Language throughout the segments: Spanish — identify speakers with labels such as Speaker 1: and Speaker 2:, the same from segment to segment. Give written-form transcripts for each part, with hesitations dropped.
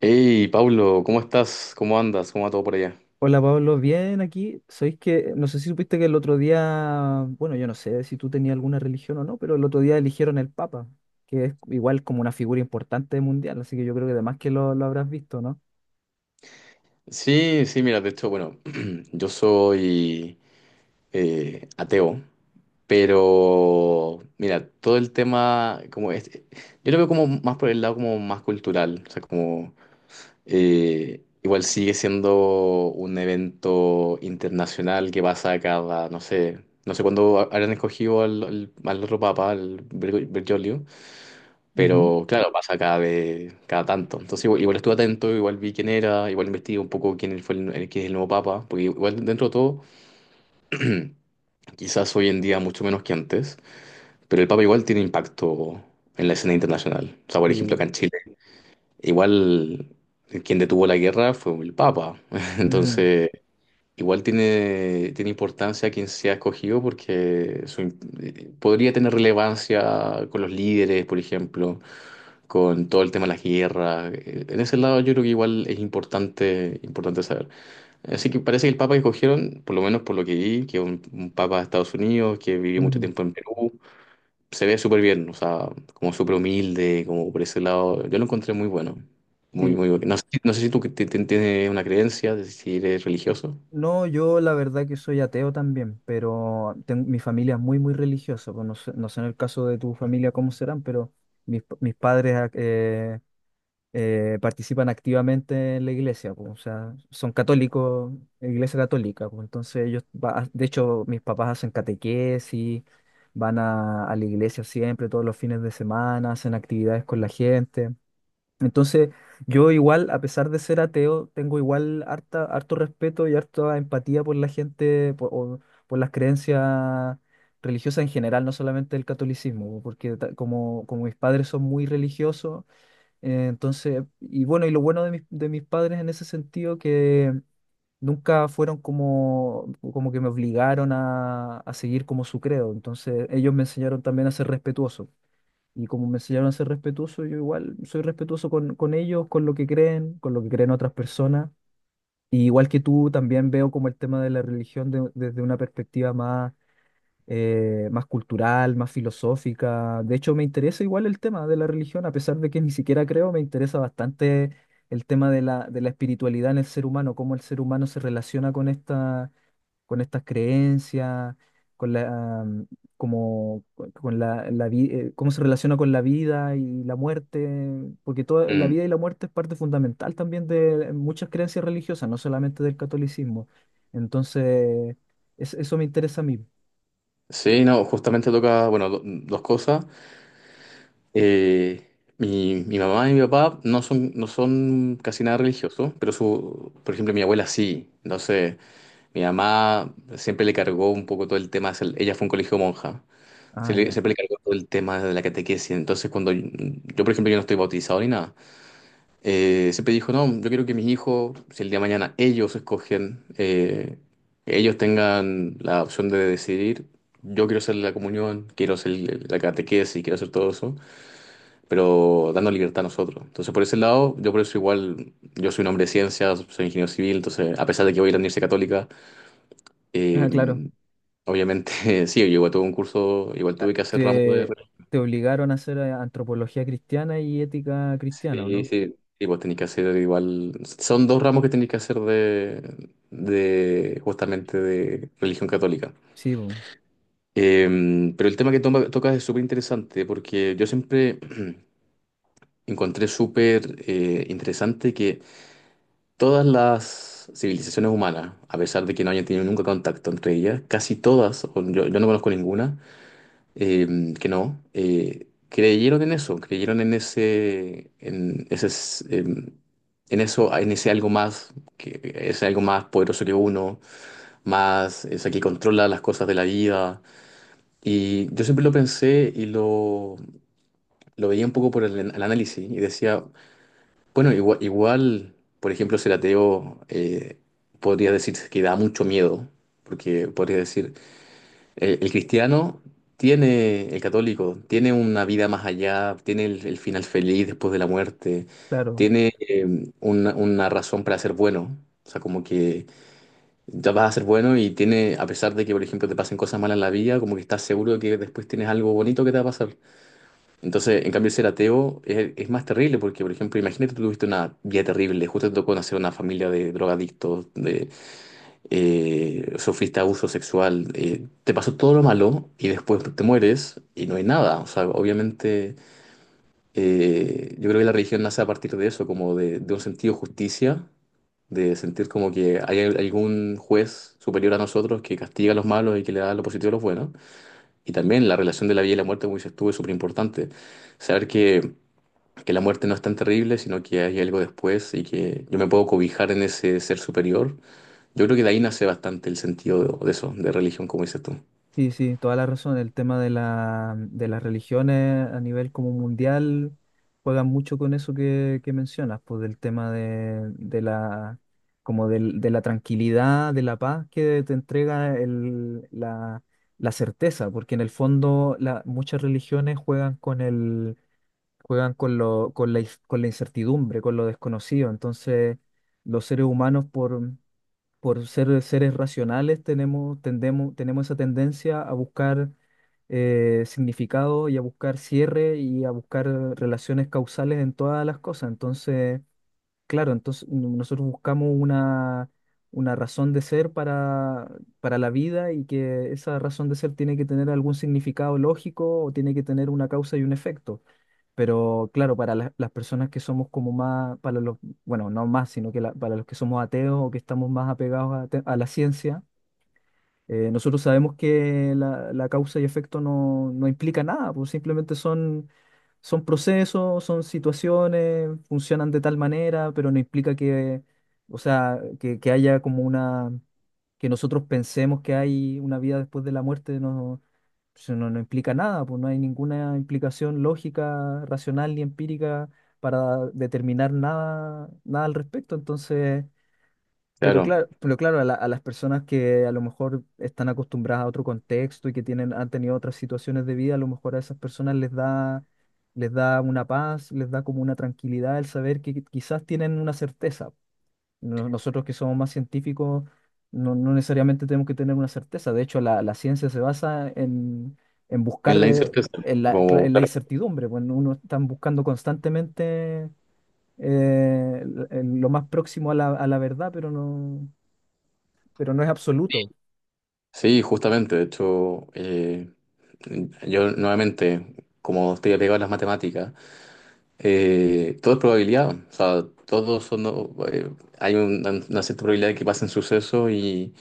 Speaker 1: Hey, Pablo, ¿cómo estás? ¿Cómo andas? ¿Cómo va todo por allá?
Speaker 2: Hola Pablo, bien aquí. Sabéis que no sé si supiste que el otro día, yo no sé si tú tenías alguna religión o no, pero el otro día eligieron el Papa, que es igual como una figura importante mundial, así que yo creo que además que lo habrás visto, ¿no?
Speaker 1: Sí, sí, mira, de hecho, bueno, yo soy ateo, pero mira, todo el tema, como este, yo lo veo como más por el lado como más cultural, o sea, como igual sigue siendo un evento internacional que pasa cada, no sé, no sé cuándo habrán escogido al otro papa, al Bergoglio.
Speaker 2: Ujú.
Speaker 1: Pero claro, pasa cada vez, cada tanto. Entonces igual, igual estuve atento, igual vi quién era, igual investigué un poco quién fue quién es el nuevo papa, porque igual dentro de todo, quizás hoy en día mucho menos que antes, pero el papa igual tiene impacto en la escena internacional. O sea, por ejemplo,
Speaker 2: Sí.
Speaker 1: acá en Chile, igual quien detuvo la guerra fue el papa.
Speaker 2: Mm,
Speaker 1: Entonces, igual tiene, tiene importancia quien sea escogido porque podría tener relevancia con los líderes, por ejemplo, con todo el tema de la guerra, en ese lado yo creo que igual es importante, importante saber. Así que parece que el papa que escogieron, por lo menos por lo que vi, que es un papa de Estados Unidos, que vivió mucho
Speaker 2: mm.
Speaker 1: tiempo en Perú, se ve súper bien, o sea, como súper humilde, como por ese lado, yo lo encontré muy bueno. Muy,
Speaker 2: Sí.
Speaker 1: muy bueno. No sé, no sé si tú que tienes una creencia, de si eres religioso.
Speaker 2: No, yo la verdad que soy ateo también, pero mi familia es muy religiosa. Pues no sé, no sé en el caso de tu familia cómo serán, pero mis padres participan activamente en la iglesia, pues, o sea, son católicos, iglesia católica, pues, entonces de hecho, mis papás hacen catequesis, van a la iglesia siempre, todos los fines de semana, hacen actividades con la gente. Entonces, yo igual, a pesar de ser ateo, tengo igual harto respeto y harta empatía por la gente, o por las creencias religiosas en general, no solamente el catolicismo, porque como mis padres son muy religiosos, entonces, y bueno, y lo bueno de de mis padres en ese sentido que nunca fueron como que me obligaron a seguir como su credo. Entonces, ellos me enseñaron también a ser respetuoso. Y como me enseñaron a ser respetuoso, yo igual soy respetuoso con ellos, con lo que creen, con lo que creen otras personas. Y igual que tú, también veo como el tema de la religión desde una perspectiva más más cultural, más filosófica. De hecho, me interesa igual el tema de la religión, a pesar de que ni siquiera creo, me interesa bastante el tema de de la espiritualidad en el ser humano, cómo el ser humano se relaciona con esta, con estas creencias, con la, mm, con cómo se relaciona con la vida y la muerte, porque toda la
Speaker 1: Mm.
Speaker 2: vida y la muerte es parte fundamental también de muchas creencias religiosas, no solamente del catolicismo. Entonces, eso me interesa a mí.
Speaker 1: Sí, no, justamente toca, bueno, dos cosas. Eh, mi, mi mamá y mi papá no son, no son casi nada religiosos, pero su, por ejemplo, mi abuela sí. Entonces, mi mamá siempre le cargó un poco todo el tema, ella fue a un colegio monja,
Speaker 2: Ah, ya.
Speaker 1: siempre le cargó todo el tema de la catequesis. Entonces, cuando yo, por ejemplo, yo no estoy bautizado ni nada. Siempre dijo, no, yo quiero que mis hijos, si el día de mañana ellos escogen, ellos tengan la opción de decidir, yo quiero hacer la comunión, quiero hacer la catequesis, quiero hacer todo eso pero dando libertad a nosotros. Entonces, por ese lado, yo por eso igual, yo soy un hombre de ciencias, soy ingeniero civil, entonces, a pesar de que voy a ir a la Universidad Católica,
Speaker 2: Ah,
Speaker 1: eh,
Speaker 2: claro.
Speaker 1: obviamente, sí, yo igual tuve un curso, igual
Speaker 2: Ah,
Speaker 1: tuve que hacer ramos de...
Speaker 2: Te obligaron a hacer antropología cristiana y ética cristiana, ¿o
Speaker 1: Sí,
Speaker 2: no?
Speaker 1: sí, sí, vos tenés que hacer igual... Son dos ramos que tenés que hacer de justamente de religión católica.
Speaker 2: Sí,
Speaker 1: Pero el tema que tocas es súper interesante porque yo siempre encontré súper interesante que todas las civilizaciones humanas, a pesar de que no hayan tenido nunca contacto entre ellas, casi todas, o yo no conozco ninguna, que no, creyeron en eso, creyeron en ese, en ese, en eso, en ese algo más, que es algo más poderoso que uno, más, o sea, que controla las cosas de la vida. Y yo siempre lo pensé y lo veía un poco por el, el análisis y decía, bueno, igual, por ejemplo, ser ateo podría decir que da mucho miedo, porque podría decir, el cristiano tiene, el católico, tiene una vida más allá, tiene el final feliz después de la muerte,
Speaker 2: claro.
Speaker 1: tiene una razón para ser bueno, o sea, como que ya vas a ser bueno y tiene, a pesar de que, por ejemplo, te pasen cosas malas en la vida, como que estás seguro de que después tienes algo bonito que te va a pasar. Entonces, en cambio, ser ateo es más terrible porque, por ejemplo, imagínate tú tuviste una vida terrible, justo te tocó nacer en una familia de drogadictos, de, sufriste abuso sexual, te pasó todo lo malo y después te mueres y no hay nada. O sea, obviamente, yo creo que la religión nace a partir de eso, como de un sentido de justicia, de sentir como que hay algún juez superior a nosotros que castiga a los malos y que le da lo positivo a los buenos. Y también la relación de la vida y la muerte, como dices tú, es súper importante. Saber que la muerte no es tan terrible, sino que hay algo después y que yo me puedo cobijar en ese ser superior. Yo creo que de ahí nace bastante el sentido de eso, de religión, como dices tú.
Speaker 2: Sí, sí, toda la razón. El tema de de las religiones a nivel como mundial juegan mucho con eso que mencionas, pues del tema de la de la tranquilidad, de la paz que te entrega la certeza, porque en el fondo muchas religiones juegan con el juegan con lo, con la incertidumbre, con lo desconocido. Entonces, los seres humanos, por ser seres racionales, tendemos, tenemos esa tendencia a buscar significado y a buscar cierre y a buscar relaciones causales en todas las cosas. Entonces, claro, entonces nosotros buscamos una razón de ser para la vida y que esa razón de ser tiene que tener algún significado lógico o tiene que tener una causa y un efecto. Pero claro, para las personas que somos como más, para los, bueno, no más, sino que para los que somos ateos o que estamos más apegados a, a la ciencia, nosotros sabemos que la causa y efecto no, no implica nada, pues simplemente son son procesos, son situaciones, funcionan de tal manera, pero no implica que, o sea, que haya como una, que nosotros pensemos que hay una vida después de la muerte, no, pues, no, no implica nada, pues no hay ninguna implicación lógica, racional ni empírica para determinar nada, nada al respecto. Entonces,
Speaker 1: Claro,
Speaker 2: pero claro, a las personas que a lo mejor están acostumbradas a otro contexto y que tienen, han tenido otras situaciones de vida, a lo mejor a esas personas les da una paz, les da como una tranquilidad el saber que quizás tienen una certeza. Nosotros que somos más científicos, no, no necesariamente tenemos que tener una certeza. De hecho, la ciencia se basa en
Speaker 1: en
Speaker 2: buscar
Speaker 1: la incerteza.
Speaker 2: en
Speaker 1: Como,
Speaker 2: en la
Speaker 1: claro.
Speaker 2: incertidumbre. Bueno, uno está buscando constantemente lo más próximo a a la verdad, pero no es absoluto.
Speaker 1: Sí, justamente, de hecho, yo nuevamente, como estoy apegado a las matemáticas, todo es probabilidad, o sea, todos son, eh, hay una cierta probabilidad de que pasen sucesos y...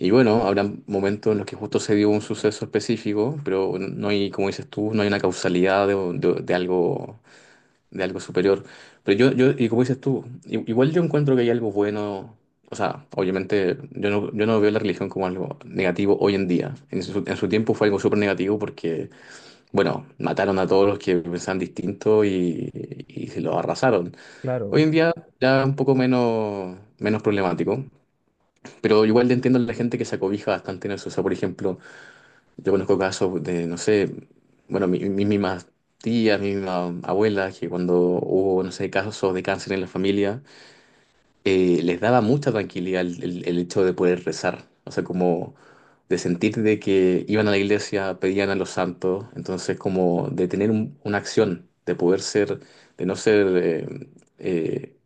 Speaker 1: Y bueno, habrá momentos en los que justo se dio un suceso específico, pero no hay, como dices tú, no hay una causalidad de, de algo superior. Pero yo, y como dices tú, igual yo encuentro que hay algo bueno, o sea, obviamente yo no, yo no veo la religión como algo negativo hoy en día. En su tiempo fue algo súper negativo porque, bueno, mataron a todos los que pensaban distinto y se los arrasaron. Hoy
Speaker 2: Claro,
Speaker 1: en día ya un poco menos, menos problemático. Pero igual entiendo a la gente que se acobija bastante en eso. O sea, por ejemplo, yo conozco casos de, no sé, bueno, mis mismas tías, mi misma abuela, que cuando hubo, no sé, casos de cáncer en la familia, les daba mucha tranquilidad el, el hecho de poder rezar, o sea, como de sentir de que iban a la iglesia, pedían a los santos, entonces como de tener una acción, de poder ser, de no ser, eh,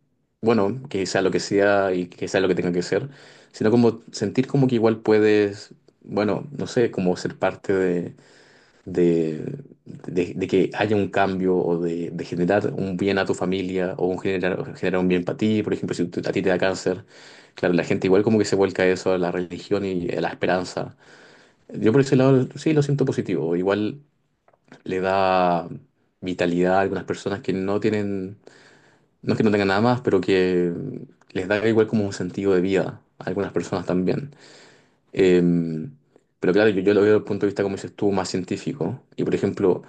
Speaker 1: bueno, que sea lo que sea y que sea lo que tenga que ser, sino como sentir como que igual puedes, bueno, no sé, como ser parte de, de que haya un cambio o de generar un bien a tu familia o un generar, generar un bien para ti. Por ejemplo, si tú- a ti te da cáncer, claro, la gente igual como que se vuelca a eso, a la religión y a la esperanza. Yo por ese lado sí lo siento positivo. Igual le da vitalidad a algunas personas que no tienen, no es que no tengan nada más, pero que les da igual como un sentido de vida a algunas personas también. Em, pero claro, yo lo veo desde el punto de vista, como dices tú, más científico. Y por ejemplo,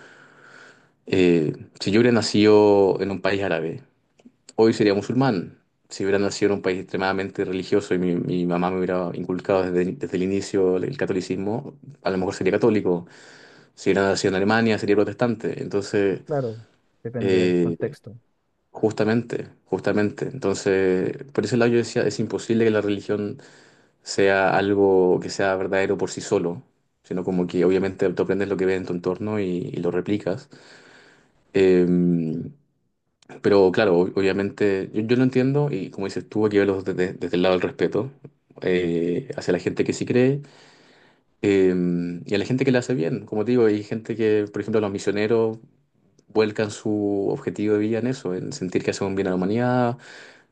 Speaker 1: Eh, si yo hubiera nacido en un país árabe, hoy sería musulmán. Si hubiera nacido en un país extremadamente religioso y mi mamá me hubiera inculcado desde, desde el inicio el catolicismo, a lo mejor sería católico. Si hubiera nacido en Alemania, sería protestante. Entonces,
Speaker 2: claro, depende del
Speaker 1: eh,
Speaker 2: contexto.
Speaker 1: justamente, justamente. Entonces, por ese lado yo decía, es imposible que la religión sea algo que sea verdadero por sí solo, sino como que obviamente tú aprendes lo que ves en tu entorno y lo replicas. Eh, Pero claro, obviamente yo, yo lo entiendo y como dices tú, hay que verlo desde, desde el lado del respeto, hacia la gente que sí cree, eh, y a la gente que la hace bien. Como te digo, hay gente que, por ejemplo, los misioneros vuelcan su objetivo de vida en eso, en sentir que hacen un bien a la humanidad,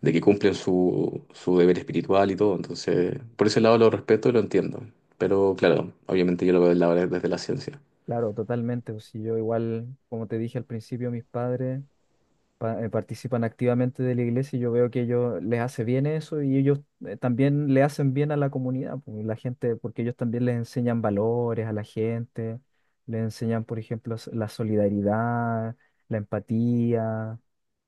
Speaker 1: de que cumplen su, su deber espiritual y todo. Entonces, por ese lado lo respeto y lo entiendo. Pero claro, obviamente yo lo veo del lado desde la ciencia.
Speaker 2: Claro, totalmente. Pues, si yo igual, como te dije al principio, mis padres participan activamente de la iglesia y yo veo que ellos les hace bien eso y ellos también le hacen bien a la comunidad, pues, la gente, porque ellos también les enseñan valores a la gente, les enseñan, por ejemplo, la solidaridad, la empatía.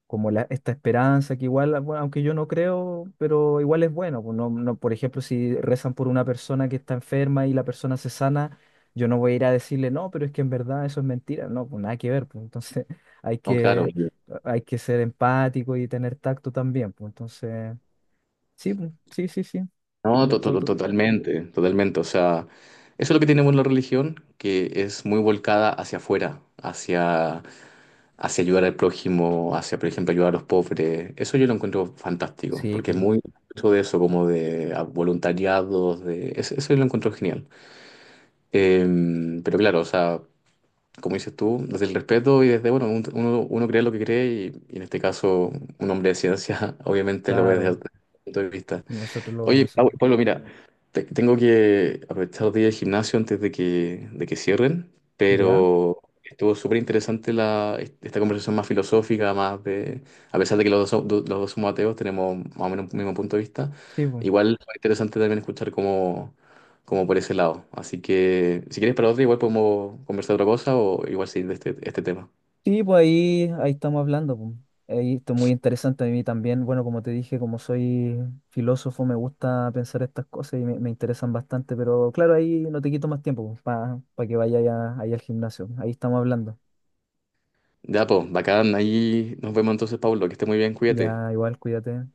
Speaker 2: Como la, esta esperanza que igual, bueno, aunque yo no creo, pero igual es bueno. Pues no, no, por ejemplo, si rezan por una persona que está enferma y la persona se sana, yo no voy a ir a decirle, no, pero es que en verdad eso es mentira. No, pues nada que ver. Pues, entonces hay
Speaker 1: No, claro.
Speaker 2: que, hay que ser empático y tener tacto también. Pues entonces, sí, pues, sí, sí, sí.
Speaker 1: No,
Speaker 2: De- to- to-
Speaker 1: totalmente, totalmente. O sea, eso es lo que tiene bueno la religión, que es muy volcada hacia afuera, hacia, hacia ayudar al prójimo, hacia, por ejemplo, ayudar a los pobres. Eso yo lo encuentro fantástico,
Speaker 2: Sí,
Speaker 1: porque es
Speaker 2: pues
Speaker 1: muy mucho de eso, como de ah, voluntariados, de eso yo lo encuentro genial. Eh, pero claro, o sea, como dices tú, desde el respeto y desde, bueno, uno, uno cree lo que cree y en este caso un hombre de ciencia obviamente lo ve desde
Speaker 2: claro,
Speaker 1: otro punto de vista.
Speaker 2: nosotros lo
Speaker 1: Oye,
Speaker 2: vamos a... hacer.
Speaker 1: Pablo, mira, tengo que aprovechar los días de gimnasio antes de que cierren,
Speaker 2: ¿Ya?
Speaker 1: pero estuvo súper interesante la, esta conversación más filosófica, más de, a pesar de que los dos, los dos somos ateos, tenemos más o menos un mismo punto de vista.
Speaker 2: Sí, pues.
Speaker 1: Igual fue interesante también escuchar como, como por ese lado. Así que, si quieres para otro, igual podemos conversar otra cosa o igual seguir de este, este tema.
Speaker 2: Sí, pues ahí, ahí estamos hablando, pues. Ahí esto es muy interesante a mí también. Bueno, como te dije, como soy filósofo, me gusta pensar estas cosas y me interesan bastante, pero claro, ahí no te quito más tiempo para que vayas ahí al gimnasio. Ahí estamos hablando.
Speaker 1: Ya, pues, bacán, ahí nos vemos entonces, Pablo, que esté muy bien, cuídate.
Speaker 2: Ya, igual, cuídate.